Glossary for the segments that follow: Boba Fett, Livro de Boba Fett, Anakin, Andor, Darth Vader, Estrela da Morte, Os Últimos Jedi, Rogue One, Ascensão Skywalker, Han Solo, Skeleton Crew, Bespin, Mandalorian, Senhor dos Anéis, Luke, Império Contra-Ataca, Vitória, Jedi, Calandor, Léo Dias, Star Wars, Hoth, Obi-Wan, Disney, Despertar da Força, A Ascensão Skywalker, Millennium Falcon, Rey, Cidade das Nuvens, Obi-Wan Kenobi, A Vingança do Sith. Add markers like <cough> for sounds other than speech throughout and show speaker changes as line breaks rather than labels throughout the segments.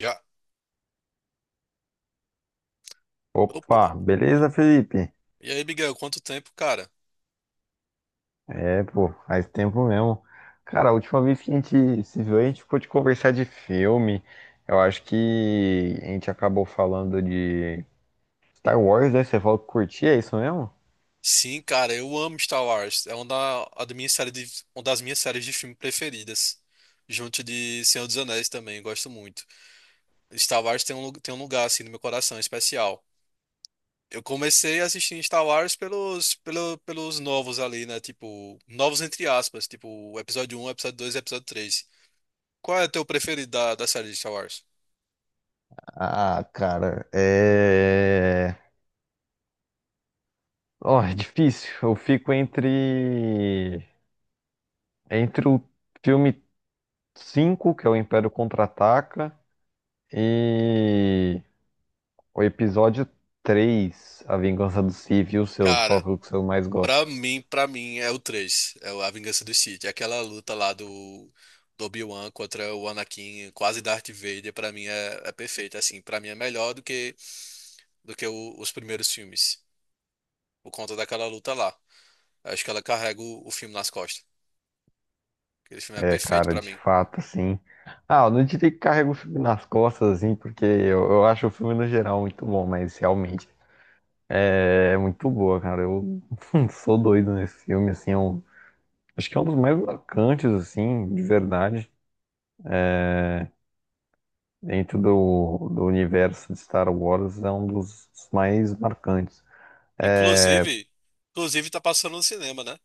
Já. Opa.
Opa,
E
beleza, Felipe?
e aí, Miguel, quanto tempo, cara?
É, pô, faz tempo mesmo. Cara, a última vez que a gente se viu, a gente ficou de conversar de filme. Eu acho que a gente acabou falando de Star Wars, né? Você falou que curtia, é isso mesmo?
Sim, cara, eu amo Star Wars. Uma das minhas séries de filme preferidas. Junto de Senhor dos Anéis também, gosto muito. Star Wars tem tem um lugar assim no meu coração especial. Eu comecei a assistir Star Wars pelos novos ali, né? Tipo, novos entre aspas, tipo, o episódio um, episódio 2, e episódio 3. Qual é o teu preferido da série de Star Wars?
Ah, cara, é. Ó, é difícil. Eu fico entre. Entre o filme 5, que é o Império Contra-Ataca, e. O episódio 3, A Vingança do Sith e os seus, qual
Cara.
que é o que você mais gosta?
Pra mim é o 3 é o A Vingança do Sith. É aquela luta lá do Obi-Wan contra o Anakin, quase Darth Vader, é perfeita, assim, pra mim é melhor do que os primeiros filmes, por conta daquela luta lá. Acho que ela carrega o filme nas costas. Aquele filme é
É,
perfeito
cara,
pra
de
mim.
fato, assim. Ah, eu não diria que carrega o filme nas costas, assim, porque eu acho o filme no geral muito bom, mas realmente é muito boa, cara. Eu <laughs> sou doido nesse filme, assim. Acho que é um dos mais marcantes, assim, de verdade, dentro do universo de Star Wars, é um dos mais marcantes.
Inclusive, inclusive tá passando no cinema, né?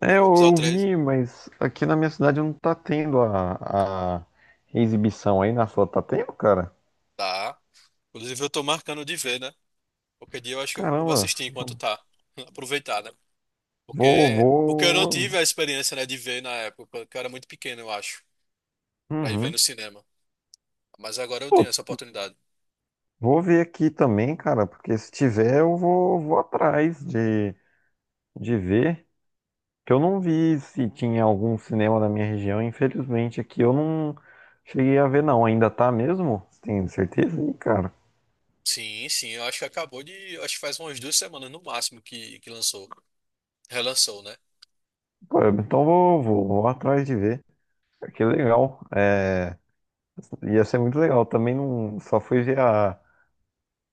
É,
O
eu,
episódio
eu
três.
vi, mas aqui na minha cidade não tá tendo a exibição aí na sua. Tá tendo, cara?
Tá. Inclusive eu tô marcando de ver, né? Qualquer dia eu acho que eu vou
Caramba,
assistir enquanto tá. <laughs> Aproveitar, né?
vou,
Porque eu não
vou.
tive a experiência, né, de ver na época, porque eu era muito pequeno, eu acho, pra ir ver
Uhum.
no cinema. Mas agora eu
Pô,
tenho essa oportunidade.
vou ver aqui também, cara, porque se tiver eu vou, vou atrás de ver. Que eu não vi se tinha algum cinema na minha região, infelizmente aqui eu não cheguei a ver, não. Ainda tá mesmo? Você tem certeza? Ih, cara.
Sim, sim, eu acho que acabou de. Acho que faz umas duas semanas no máximo que lançou. Relançou, né?
Pô, então vou atrás de ver. Que legal. É. Ia ser muito legal. Também não só fui ver a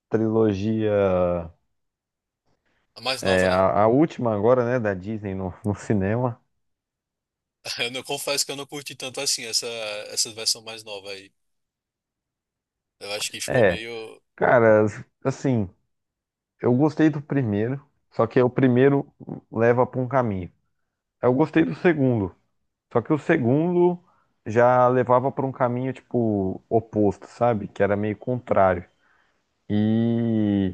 trilogia,
A mais nova,
é,
né?
a última agora, né, da Disney no cinema.
<laughs> Eu não Confesso que eu não curti tanto assim essa versão mais nova aí. Eu acho que ficou
É,
meio.
cara, assim, eu gostei do primeiro, só que o primeiro leva para um caminho. Eu gostei do segundo, só que o segundo já levava para um caminho tipo oposto, sabe? Que era meio contrário. E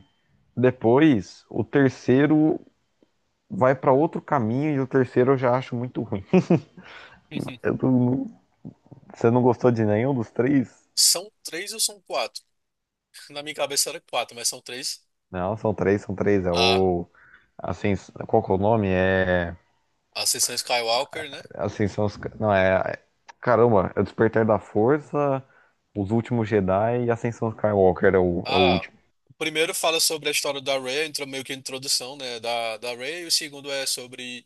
depois o terceiro vai para outro caminho e o terceiro eu já acho muito ruim. <laughs>
<laughs>
Eu não, Você não gostou de nenhum dos três?
São três ou são quatro? Na minha cabeça era quatro, mas são três.
Não, são três, são três. É
A
o. Assim, qual que é o nome? É.
Ascensão Skywalker, né?
Ascensão. Não, é. Caramba, é o Despertar da Força, Os Últimos Jedi e Ascensão Skywalker é o, é o
Ah,
último.
o primeiro fala sobre a história da Rey, entra meio que a introdução, né, da Rey. O segundo é sobre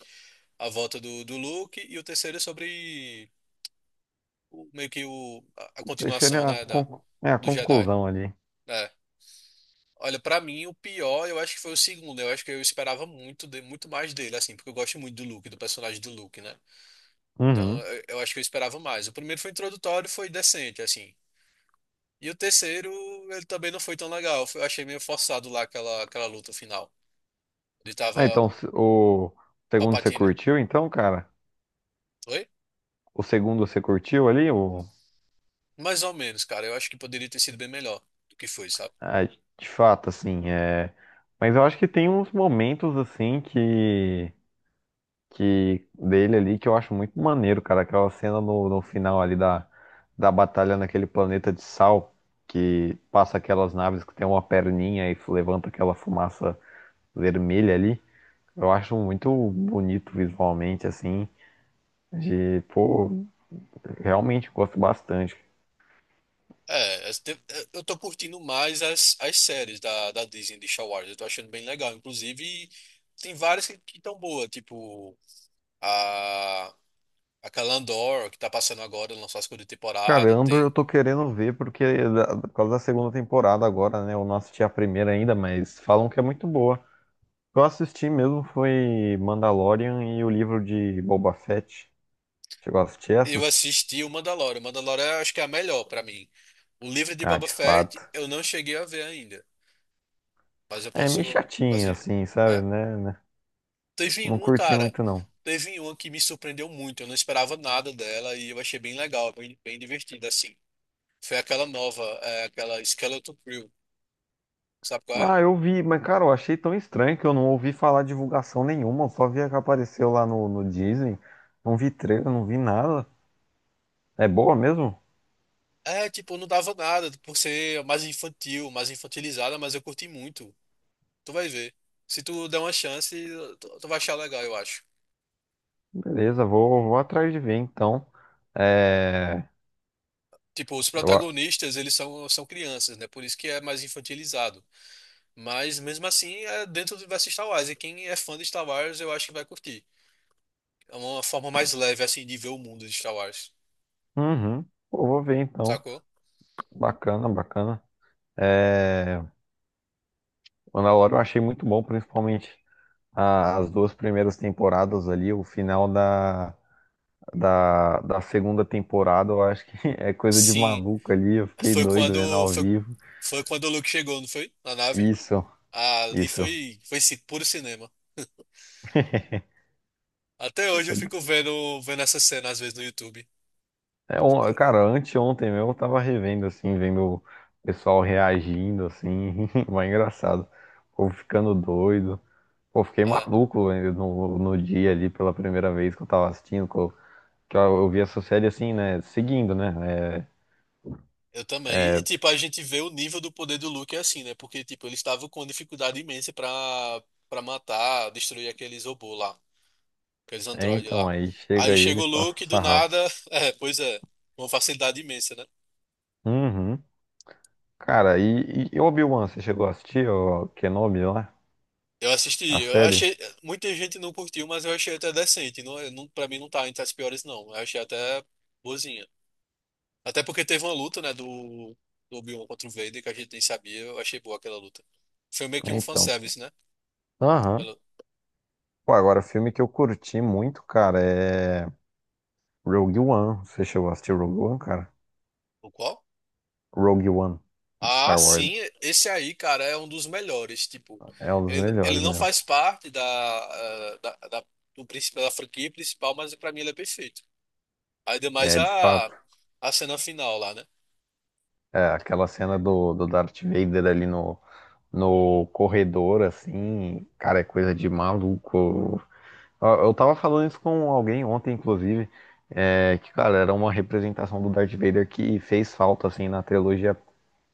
a volta do Luke. E o terceiro é sobre o- meio que o, a
O terceiro
continuação,
é
né,
é a
do Jedi.
conclusão ali.
É. Olha, pra mim, o pior, eu acho que foi o segundo. Eu acho que eu esperava muito mais dele, assim, porque eu gosto muito do Luke, do personagem do Luke, né? Então,
Uhum.
eu acho que eu esperava mais. O primeiro foi introdutório, foi decente, assim. E o terceiro, ele também não foi tão legal. Eu achei meio forçado lá aquela luta final. Ele tava.
Ah, então, o segundo você
Papatina.
curtiu, então, cara?
Oi?
O segundo você curtiu ali? O...
Mais ou menos, cara. Eu acho que poderia ter sido bem melhor do que foi, sabe?
Ah, de fato, assim, é. Mas eu acho que tem uns momentos, assim, que dele ali que eu acho muito maneiro, cara. Aquela cena no final ali da, da batalha naquele planeta de sal, que passa aquelas naves que tem uma perninha e levanta aquela fumaça vermelha ali. Eu acho muito bonito visualmente, assim. De, pô, realmente gosto bastante.
Eu tô curtindo mais as séries da Disney de Star Wars. Eu tô achando bem legal. Inclusive, e tem várias que estão boas, tipo a, a Calandor que tá passando agora, lançou a segunda
Cara,
temporada.
Andor eu
Tem,
tô querendo ver porque por causa da segunda temporada agora, né? Eu não assisti a primeira ainda, mas falam que é muito boa. Eu assisti mesmo foi Mandalorian e o livro de Boba Fett. Chegou a assistir
eu
essas?
assisti o Mandalorian. O Mandalorian eu acho que é a melhor pra mim. O livro de
Ah,
Boba
de
Fett
fato.
eu não cheguei a ver ainda, mas eu
É meio
posso.
chatinho
Assim,
assim, sabe, né? Né?
teve
Não
uma,
curti
cara.
muito não.
Teve uma que me surpreendeu muito. Eu não esperava nada dela e eu achei bem legal, bem divertida, assim. Foi aquela nova, aquela Skeleton Crew. Sabe qual é?
Ah, eu vi, mas cara, eu achei tão estranho que eu não ouvi falar divulgação nenhuma. Eu só vi a que apareceu lá no Disney. Não vi trailer, não vi nada. É boa mesmo?
É, tipo, não dava nada por ser mais infantil, mais infantilizada, mas eu curti muito. Tu vai ver. Se tu der uma chance, tu vai achar legal, eu acho.
Beleza, vou atrás de ver então. É.
Tipo, os
Eu... a-
protagonistas, eles são crianças, né? Por isso que é mais infantilizado. Mas mesmo assim, é dentro do universo Star Wars. E quem é fã de Star Wars, eu acho que vai curtir. É uma forma mais leve, assim, de ver o mundo de Star Wars,
Uhum. Pô, vou ver então.
sacou?
Bacana, bacana. É. Mandalorian eu achei muito bom, principalmente as duas primeiras temporadas ali, o final da segunda temporada, eu acho que <laughs> é coisa de
Sim,
maluco ali, eu fiquei
foi
doido vendo
quando,
ao
foi,
vivo.
foi quando o Luke chegou, não foi? Na nave.
Isso, isso.
Foi ci- puro cinema. Até hoje eu fico vendo essa cena, às vezes, no YouTube.
É, cara, anteontem mesmo eu tava revendo, assim, vendo o pessoal reagindo, assim, <laughs> mas é engraçado. O povo ficando doido. Pô, eu fiquei
Ah,
maluco no dia ali, pela primeira vez que eu tava assistindo, que eu vi essa série assim, né, seguindo, né, é.
eu também. Tipo, a gente vê o nível do poder do Luke é assim, né? Porque, tipo, ele estava com dificuldade imensa pra matar, destruir aqueles robôs lá, aqueles
É,
androides
então,
lá.
aí chega
Aí chega
ele e
o
passa o
Luke, do
sarrafo.
nada, <laughs> é, pois é, uma facilidade imensa, né?
Uhum. Cara, e Obi-Wan, você chegou a assistir o Kenobi lá?
Eu assisti,
A
eu
série?
achei, muita gente não curtiu, mas eu achei até decente. Não, é- não, para mim não tá entre as piores, não. Eu achei até boazinha. Até porque teve uma luta, né, do Obi-Wan contra o Vader, que a gente nem sabia. Eu achei boa aquela luta. Foi meio que
É,
um
então.
fanservice, né?
Aham.
Ela-
Pô, agora, filme que eu curti muito, cara, é Rogue One. Você chegou a assistir Rogue One, cara?
o qual?
Rogue One, de
Ah,
Star Wars.
sim, esse aí, cara, é um dos melhores. Tipo,
É um dos
ele
melhores,
não
né?
faz parte da, do principal da franquia principal, mas pra mim ele é perfeito. Ainda mais
É, de fato.
a cena final lá, né?
É, aquela cena do Darth Vader ali no corredor, assim, cara, é coisa de maluco. Ó, eu tava falando isso com alguém ontem, inclusive, é, que, cara, era uma representação do Darth Vader que fez falta, assim, na trilogia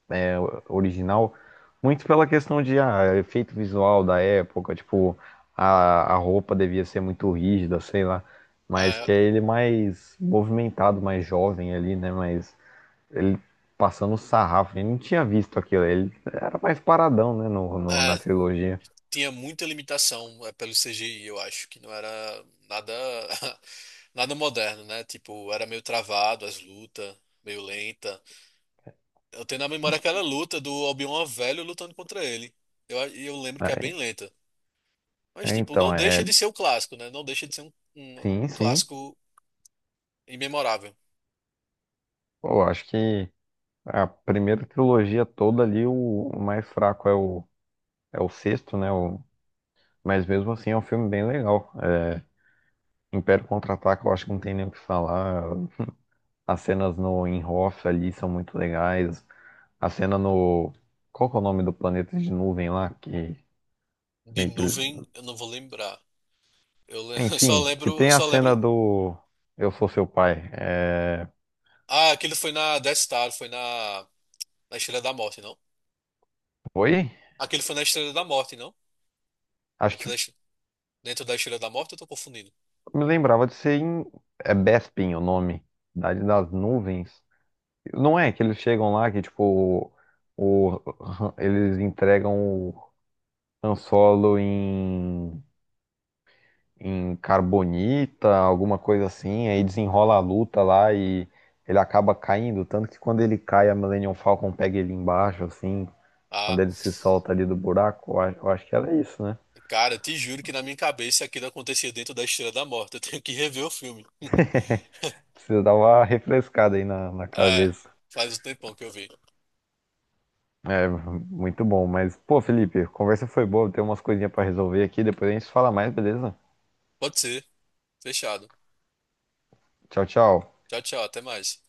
é, original, muito pela questão de efeito visual da época, tipo, a roupa devia ser muito rígida, sei lá, mas
É,
que é ele mais movimentado, mais jovem ali, né, mas ele passando sarrafo, ele não tinha visto aquilo, ele era mais paradão, né, na
é,
trilogia.
tinha muita limitação pelo CGI, eu acho, que não era nada <laughs> nada moderno, né? Tipo, era meio travado as lutas, meio lenta. Eu tenho na memória aquela luta do Obi-Wan velho lutando contra ele. Eu, a- e eu lembro que é bem lenta. Mas,
É,
tipo,
então,
não
é,
deixa de ser o clássico, né? Não deixa de ser
sim,
um
sim.
clássico imemorável.
Pô, eu acho que a primeira trilogia toda ali, o mais fraco é é o sexto, né? O, mas mesmo assim é um filme bem legal. É, Império Contra-Ataca, eu acho que não tem nem o que falar. As cenas no em Hoth ali são muito legais. A cena no. Qual que é o nome do planeta de nuvem lá? Que
De
meio que.
nuvem, eu não vou lembrar. <laughs>
Enfim, que
Eu
tem a
só
cena
lembro.
do Eu Sou Seu Pai. É.
Ah, aquele foi na Death Star, na Estrela da Morte, não?
Foi?
Aquele foi na Estrela da Morte, não?
Acho que
Dentro da Estrela da Morte, eu tô confundindo.
me lembrava de ser em. É Bespin o nome. Cidade das Nuvens. Não é que eles chegam lá que, tipo, eles entregam o Han Solo em, em carbonita, alguma coisa assim, aí desenrola a luta lá e ele acaba caindo. Tanto que quando ele cai, a Millennium Falcon pega ele embaixo, assim, quando
Ah,
ele se solta ali do buraco. Eu acho que era isso, né?
cara, te juro que na minha cabeça aquilo acontecia dentro da Estrela da Morte. Eu tenho que rever o filme. <laughs>
Precisa dar uma refrescada aí na
É,
cabeça.
faz um tempão que eu vi.
É, muito bom. Mas, pô, Felipe, a conversa foi boa, tem umas coisinhas pra resolver aqui, depois a gente fala mais, beleza?
Pode ser. Fechado.
Tchau, tchau.
Tchau, tchau. Até mais.